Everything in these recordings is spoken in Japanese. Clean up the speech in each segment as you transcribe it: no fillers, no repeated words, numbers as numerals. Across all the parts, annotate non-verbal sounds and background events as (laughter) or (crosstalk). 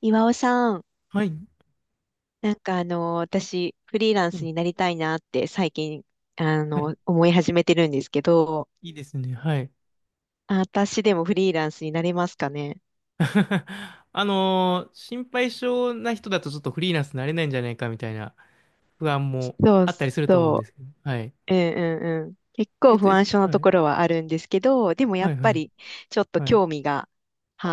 岩尾さん、はい。なんか私、フリーランうスん。になりたいなって最近、はい。思い始めてるんですけど、いいですね。はい。あ、私でもフリーランスになれますかね？(laughs) 心配性な人だとちょっとフリーランスになれないんじゃないかみたいな不安もそうあったりすると思うんでそすけど。はい。う。うんうんうん。結えっ構と不です安ね。症のはとい。ころはあるんですけど、でもやはっいはぱい。り、ちょっとはい。興味が、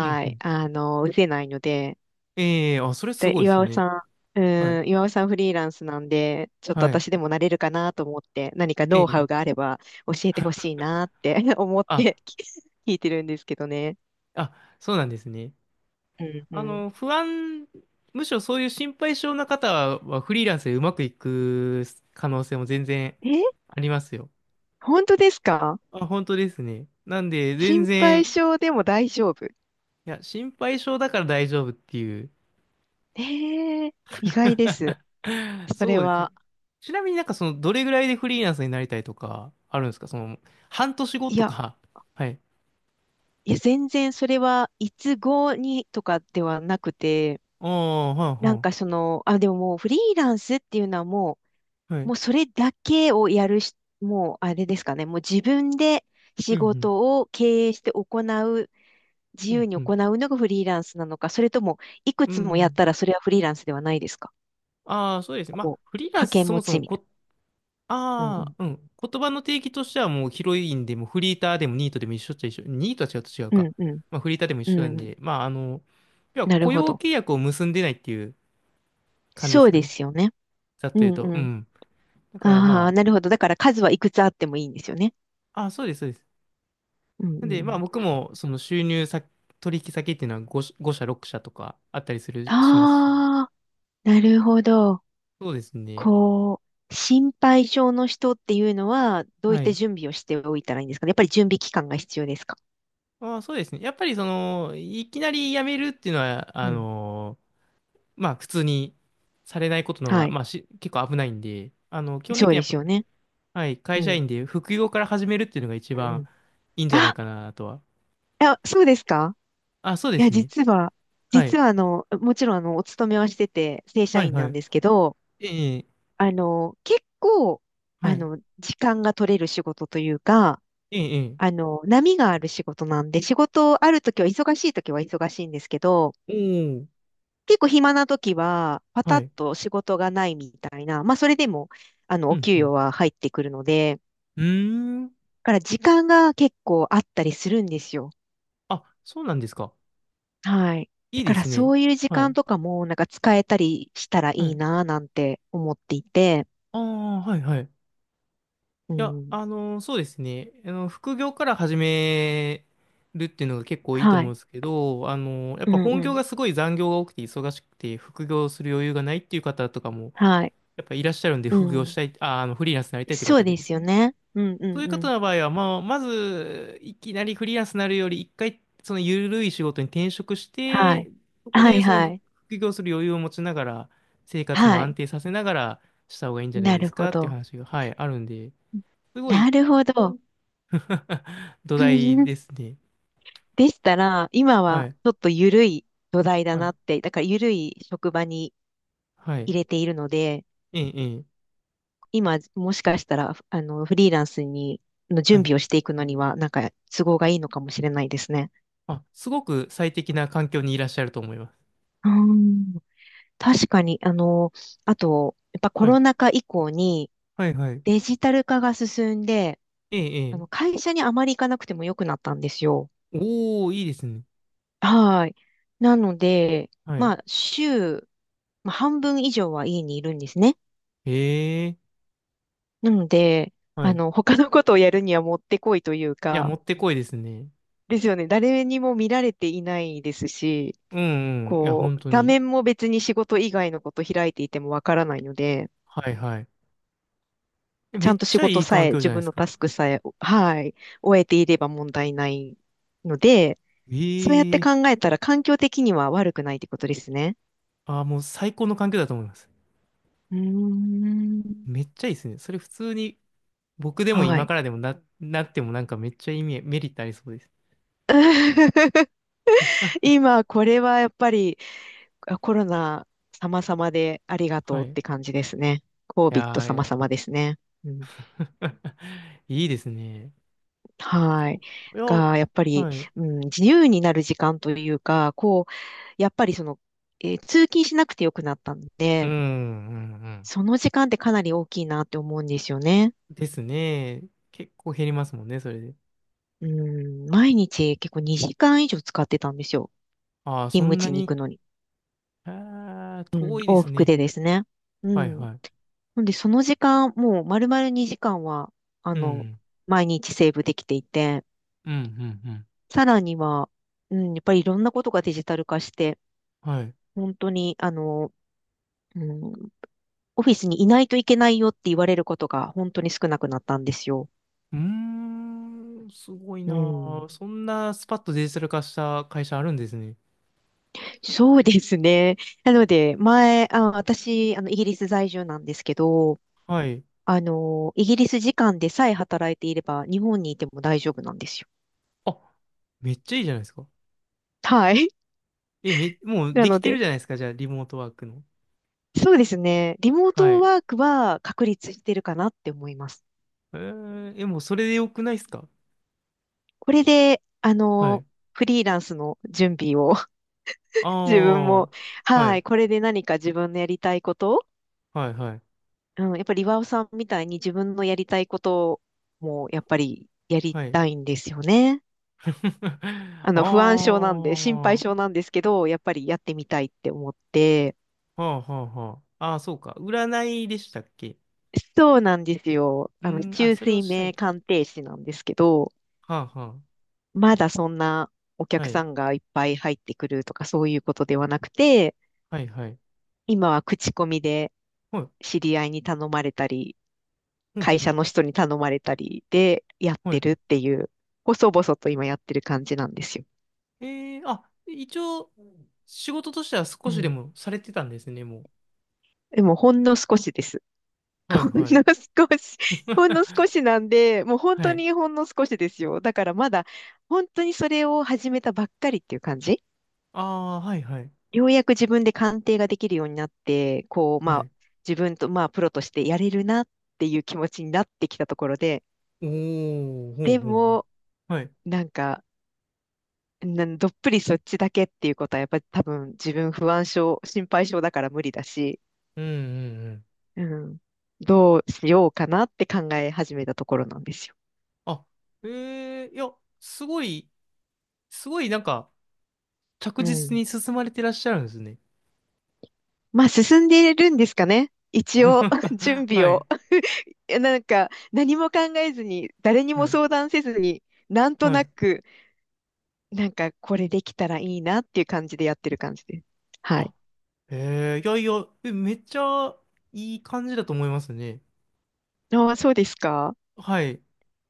うんうい、ん。失せないので、それすで、ごいです岩尾ね。さん、はい。うん、岩尾さんフリーランスなんで、ちょっとはい。私でもなれるかなと思って、何かえノウハえウがあれば教えてほしいなって (laughs) 思っあ、てき (laughs) 聞いてるんですけどね。あ、そうなんですね。うんあうん。の、不安、むしろそういう心配性な方はフリーランスでうまくいく可能性も全然え、ありますよ。本当ですか？あ、本当ですね。なんで、全心配然性でも大丈夫？いや、心配性だから大丈夫っていう。えー、意外です。(laughs) それそうですね。は。ちなみになんかその、どれぐらいでフリーランスになりたいとか、あるんですかその、半年後いとや、か。(laughs) はい。いや、全然それはいつごにとかではなくて、ああ、なんはい、かあ、でももうフリーランスっていうのはもはい。はう、もうい。それだけをやるし、もうあれですかね、もう自分でう仕ん、事を経営して行う、自う由ん、にうん、うん。行うのがフリーランスなのか、それともいくうつもやっん。たらそれはフリーランスではないですか？ああ、そうですね。まあ、こう、フリーラン掛スけそ持もそちもみたいこ、な。うあんあ、うん。言葉の定義としてはもうヒロインでもフリーターでもニートでも一緒っちゃ一緒。ニートは違うと違ううか。ん。うんうん。まあ、フリーターでも一う緒んなんうん。で、まあ、あの、要はなる雇ほ用ど。契約を結んでないっていう感じでそすうよでね。すよね。ざっとう言うんと。ううん。ん。だからああ、まなるほど。だから数はいくつあってもいいんですよね。あ、あ、そうです、そうです。うんうんなんうで、まあん。僕もその収入先、取引先っていうのは5社、ご社、6社とかあったりする、しますし。ああ、なるほど。そうですね。こう、心配性の人っていうのは、どういっはたい。準備をしておいたらいいんですかね？やっぱり準備期間が必要ですか？まあそうですね。やっぱりその、いきなり辞めるっていうのは、うあん。の、まあ普通にされないことの方はが、い。まあし、結構危ないんで、あの、基本そ的うにではやすっよね。ぱ、はい、う会社ん。員で副業から始めるっていうのが一うんう番ん。いいんじゃないあ、かなとは。あ、そうですか。あ、そうでいや、すね。実は、はい。もちろんお勤めはしてて、正社はい、員なはんい。ですけど、ええ、結構、はい。時間が取れる仕事というか、ええ、波がある仕事なんで、仕事あるときは忙しいときは忙しいんですけど、ええ、おー、結構暇な時は、パタはッい。と仕事がないみたいな、まあそれでも、うおん給うん、与は入ってくるので、だうーん。から時間が結構あったりするんですよ。あ、そうなんですか。はい。いだいかでらすそね。ういう時は間い。とかも、なんか使えたりしたらはいいい。なぁなんて思っていて、ああ、はい、はい。ういや、ん。そうですね。あの、副業から始めるっていうのが結構いいとは思うい。んですけど、やっうぱん本う業ん。がすごい残業が多くて忙しくて、副業する余裕がないっていう方とかも、はい。やっぱいらっしゃるんで、う副業しん。たい、あー、あの、フリーランスになりたいっていうそ方うででですすよね。ね。うんそうういうんう方ん。の場合は、まあ、まず、いきなりフリーランスになるより、一回、その緩い仕事に転職しはて、い。そこはでいそのは副い。副業する余裕を持ちながら、生活もは安い。定させながらした方がいいんじゃないなでるすほかっていうど。話が、はい、あるんで、すごない るほど。(laughs) 土台で (laughs) すね。でしたら、今ははい、ちょっと緩い土台だはない、って、だから緩い職場にはい、入れているので、ええ、ええ、今もしかしたら、フリーランスのは準い。備をしていくのには、なんか都合がいいのかもしれないですね。あ、すごく最適な環境にいらっしゃると思います。うん、確かに、あと、やっぱコはい、ロナ禍以降にはい、はい。デジタル化が進んで、ええ、ええ。会社にあまり行かなくても良くなったんですよ。おー、いいですね。はい。なので、はい。まあ、まあ、半分以上は家にいるんですね。へえ、なので、はい。他のことをやるにはもってこいといういや、もか、ってこいですね。ですよね。誰にも見られていないですし、うんうん。いや、こ本う、当画に。面も別に仕事以外のこと開いていてもわからないので、はいはい。ちめゃんっとち仕ゃい事いさ環え、境じ自ゃないで分すのタか。スクさえ、はい、終えていれば問題ないので、そうやってえ考ええたら環境的には悪くないってことですね。もう最高の環境だと思います。うーん。めっちゃいいですね。それ普通に僕でもは今い。からでもなってもなんかめっちゃメリットありそうです。(laughs) (laughs) 今、これはやっぱり、あ、コロナ様々でありがとはうい。っいて感じですね。や COVID ー、い様や。 々ですね。うん、(laughs) いいですね。はい。いや、が、やっぱり、はい。うん、自由になる時間というか、こう、やっぱり通勤しなくてよくなったんうん、うで、ん、うん。その時間ってかなり大きいなって思うんですよね。ですね。結構減りますもんね、それで。うん、毎日結構2時間以上使ってたんですよ。ああ、勤そ務んな地に行に。くのに。ああ、うん、遠いで往す復ね。でですね。うはい、ん。はい。なんで、その時間、もう丸々2時間は、あうの、ん、毎日セーブできていて、うん、うん、うん。さらには、うん、やっぱりいろんなことがデジタル化して、はい。本当に、うん、オフィスにいないといけないよって言われることが本当に少なくなったんですよ。うーん、すごいうなあ。ん、そんなスパッとデジタル化した会社あるんですね。そうですね。なので、あ、私、イギリス在住なんですけど、はい。イギリス時間でさえ働いていれば、日本にいても大丈夫なんですよ。あ、めっちゃいいじゃないですか。はい。もうなできのてるで、じゃないですか。じゃあ、リモートワークの。そうですね。リモーはトい。ワークは確立してるかなって思います。えー、もうそれでよくないですか。これで、はい。フリーランスの準備を あ (laughs) 自分も、あ、ははい、い、これで何か自分のやりたいこと、はい、はい、うん、やっぱり岩尾さんみたいに自分のやりたいこともやっぱりやりはい。たいんですよね。(laughs) あ不安症なんで、あ、心配は症なんですけど、やっぱりやってみたいって思って、あ、はあ、はあ。ああ、そうか。占いでしたっけ。そうなんですよ。うーん、あ、中それを水した明い。鑑定士なんですけど、はあ、はまだそんなおあ。は客い、さんがいっぱい入ってくるとかそういうことではなくて、はい、はい。今は口コミではい、知り合いに頼まれたり、うん、会う社ん、の人に頼まれたりでやっはてい。るっていう、細々と今やってる感じなんですよ。ええー、あ、一応、仕事としては少うしでん。もされてたんですね、もう。でもほんの少しです。はい (laughs) ほんはい。の少し、(laughs) ほんの少 (laughs) しなんで、もう本は当い。にほんの少しですよ。だからまだ本当にそれを始めたばっかりっていう感じ。ああ、はいはい。ようやく自分で鑑定ができるようになって、こう、まはあ、い。自分と、まあ、プロとしてやれるなっていう気持ちになってきたところで、おー、ほうでほうほう。も、はい。なんか、などっぷりそっちだけっていうことは、やっぱり多分自分不安症、心配症だから無理だし、うんうんうん。うん、どうしようかなって考え始めたところなんですよ。あ、ええいや、すごい、すごいなんか、着う実ん。に進まれてらっしゃるんですね。まあ、進んでいるんですかね？一応、(laughs) 準 (laughs) 備はい、を。いやなんか、何も考えずに、誰にはもい、相談せずに、なんとはない。く、なんか、これできたらいいなっていう感じでやってる感じです。はい。あ、えいやいや、めっちゃいい感じだと思いますね。ああ、そうですか。はい。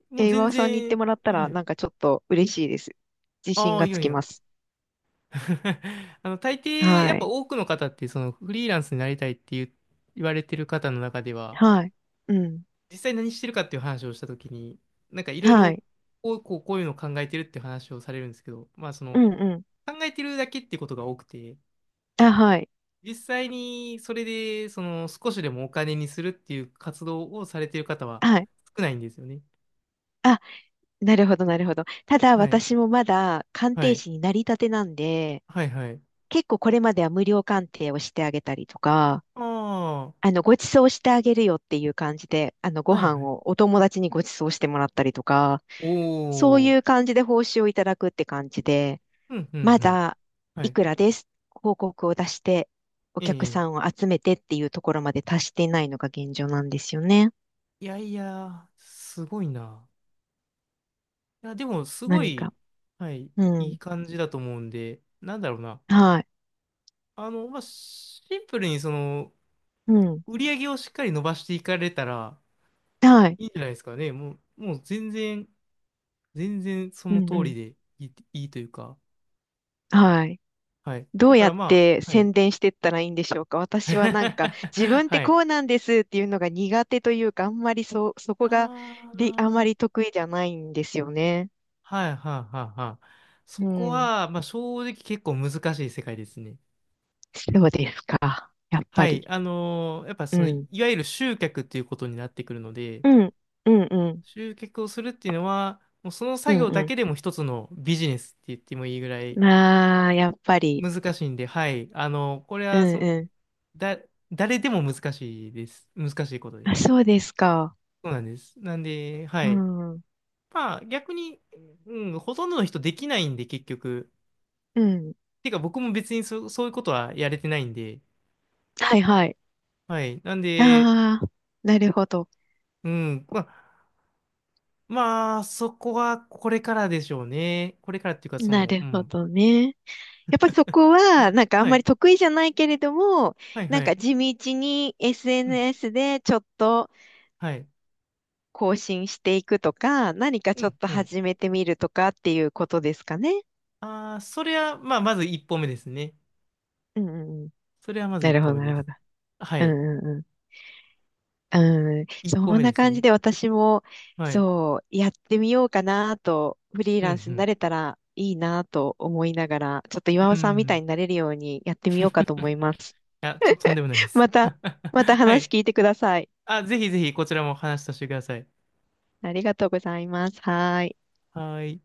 もえうー、岩全尾さんに言って然、もらったはら、い。なんかちょっと嬉しいです。自信ああ、がいつやいきや。ます。(laughs) あの、大抵、やっはぱい。多くの方って、その、フリーランスになりたいっていう言われてる方の中では、はい。うん。実際何してるかっていう話をしたときに、なんかいろいはろ、い。こう、こうこういうのを考えてるって話をされるんですけど、まあ、そうの、んう考えてるだけってことが多くて、ん。あ、はい。実際に、それで、その、少しでもお金にするっていう活動をされてる方ははい。少ないんですよね。あ、なるほど、なるほど。ただ、はい。私もまだ鑑は定い。士になりたてなんで、はい、はい。結構これまでは無料鑑定をしてあげたりとか、ああ、ご馳走してあげるよっていう感じで、ごはい、飯はい。をお友達にご馳走してもらったりとか、そうおいー。う感じで報酬をいただくって感じで、うん、うん、まうん。だはいい。くらです広告を出して、おえ客さえ。んを集めてっていうところまで達していないのが現状なんですよね。いやいや、すごいな。いや、でも、すご何か。い、はい、ういん。い感じだと思うんで、なんだろうな。はい。あの、まあ、シンプルに、その、うん。売り上げをしっかり伸ばしていかれたら、はい。いいんじゃないですかね。もう、もう全然、全然そうのんう通りん。でいい、いいというか、はい。はい。どだうかやらっまてあ、はい。宣伝してったらいいんでしょうか？私はなんか、自 (laughs) 分ってはこい。うなんですっていうのが苦手というか、あんまりそこが、あで、あんまあ、り得意じゃないんですよね。はい、はい、はい、はい。うそこん。は、まあ、正直結構難しい世界ですね。そうですか。やっぱはい、り。やっぱうその、いん。わゆる集客っていうことになってくるので、うん、うん、うん、集客をするっていうのは、もうそのう作ん、業だうけでも一つのビジネスって言ってもいいぐらん。いまあ、やっぱり。難しいんで、はい、あのこれうん、はその、うん。だ、誰でも難しいです。難しいことであ、す。そうですか。そうなんです。なんで、はうい。ん、うまあ、逆に、うん、ほとんどの人できないんで、結局。ん。てか、僕も別にそういうことはやれてないんで、はい、はい。はい。なんで、ああ、なるほど。うん。まあ、まあ、そこはこれからでしょうね。これからっていうか、そなの、うるほん。どね。やっぱりそこは、なんかあんはまりい、得意じゃないけれども、はい、なんはかい。地道に うん、SNS でちょっとはい。更新していくとか、何かうちょっん、とうん。始めてみるとかっていうことですかね？ああ、それは、まあ、まず一歩目ですね。うん、うん、うん。それはまずな一るほ歩ど、目なでるす。ほど。はうい。ん、うん、うん。うん、一歩そん目なです感じね。で私も、はい。そう、やってみようかなと、フリーうランスになん、れたらいいなと思いながら、ちょっと岩う尾ん。うさんみたいん。になれるようにやってみ (laughs) いようかと思います。や、とんでもないで (laughs) す。また、(laughs) は話い。聞いてください。あ、ぜひぜひ、こちらも話させてください。ありがとうございます。はーい。はい。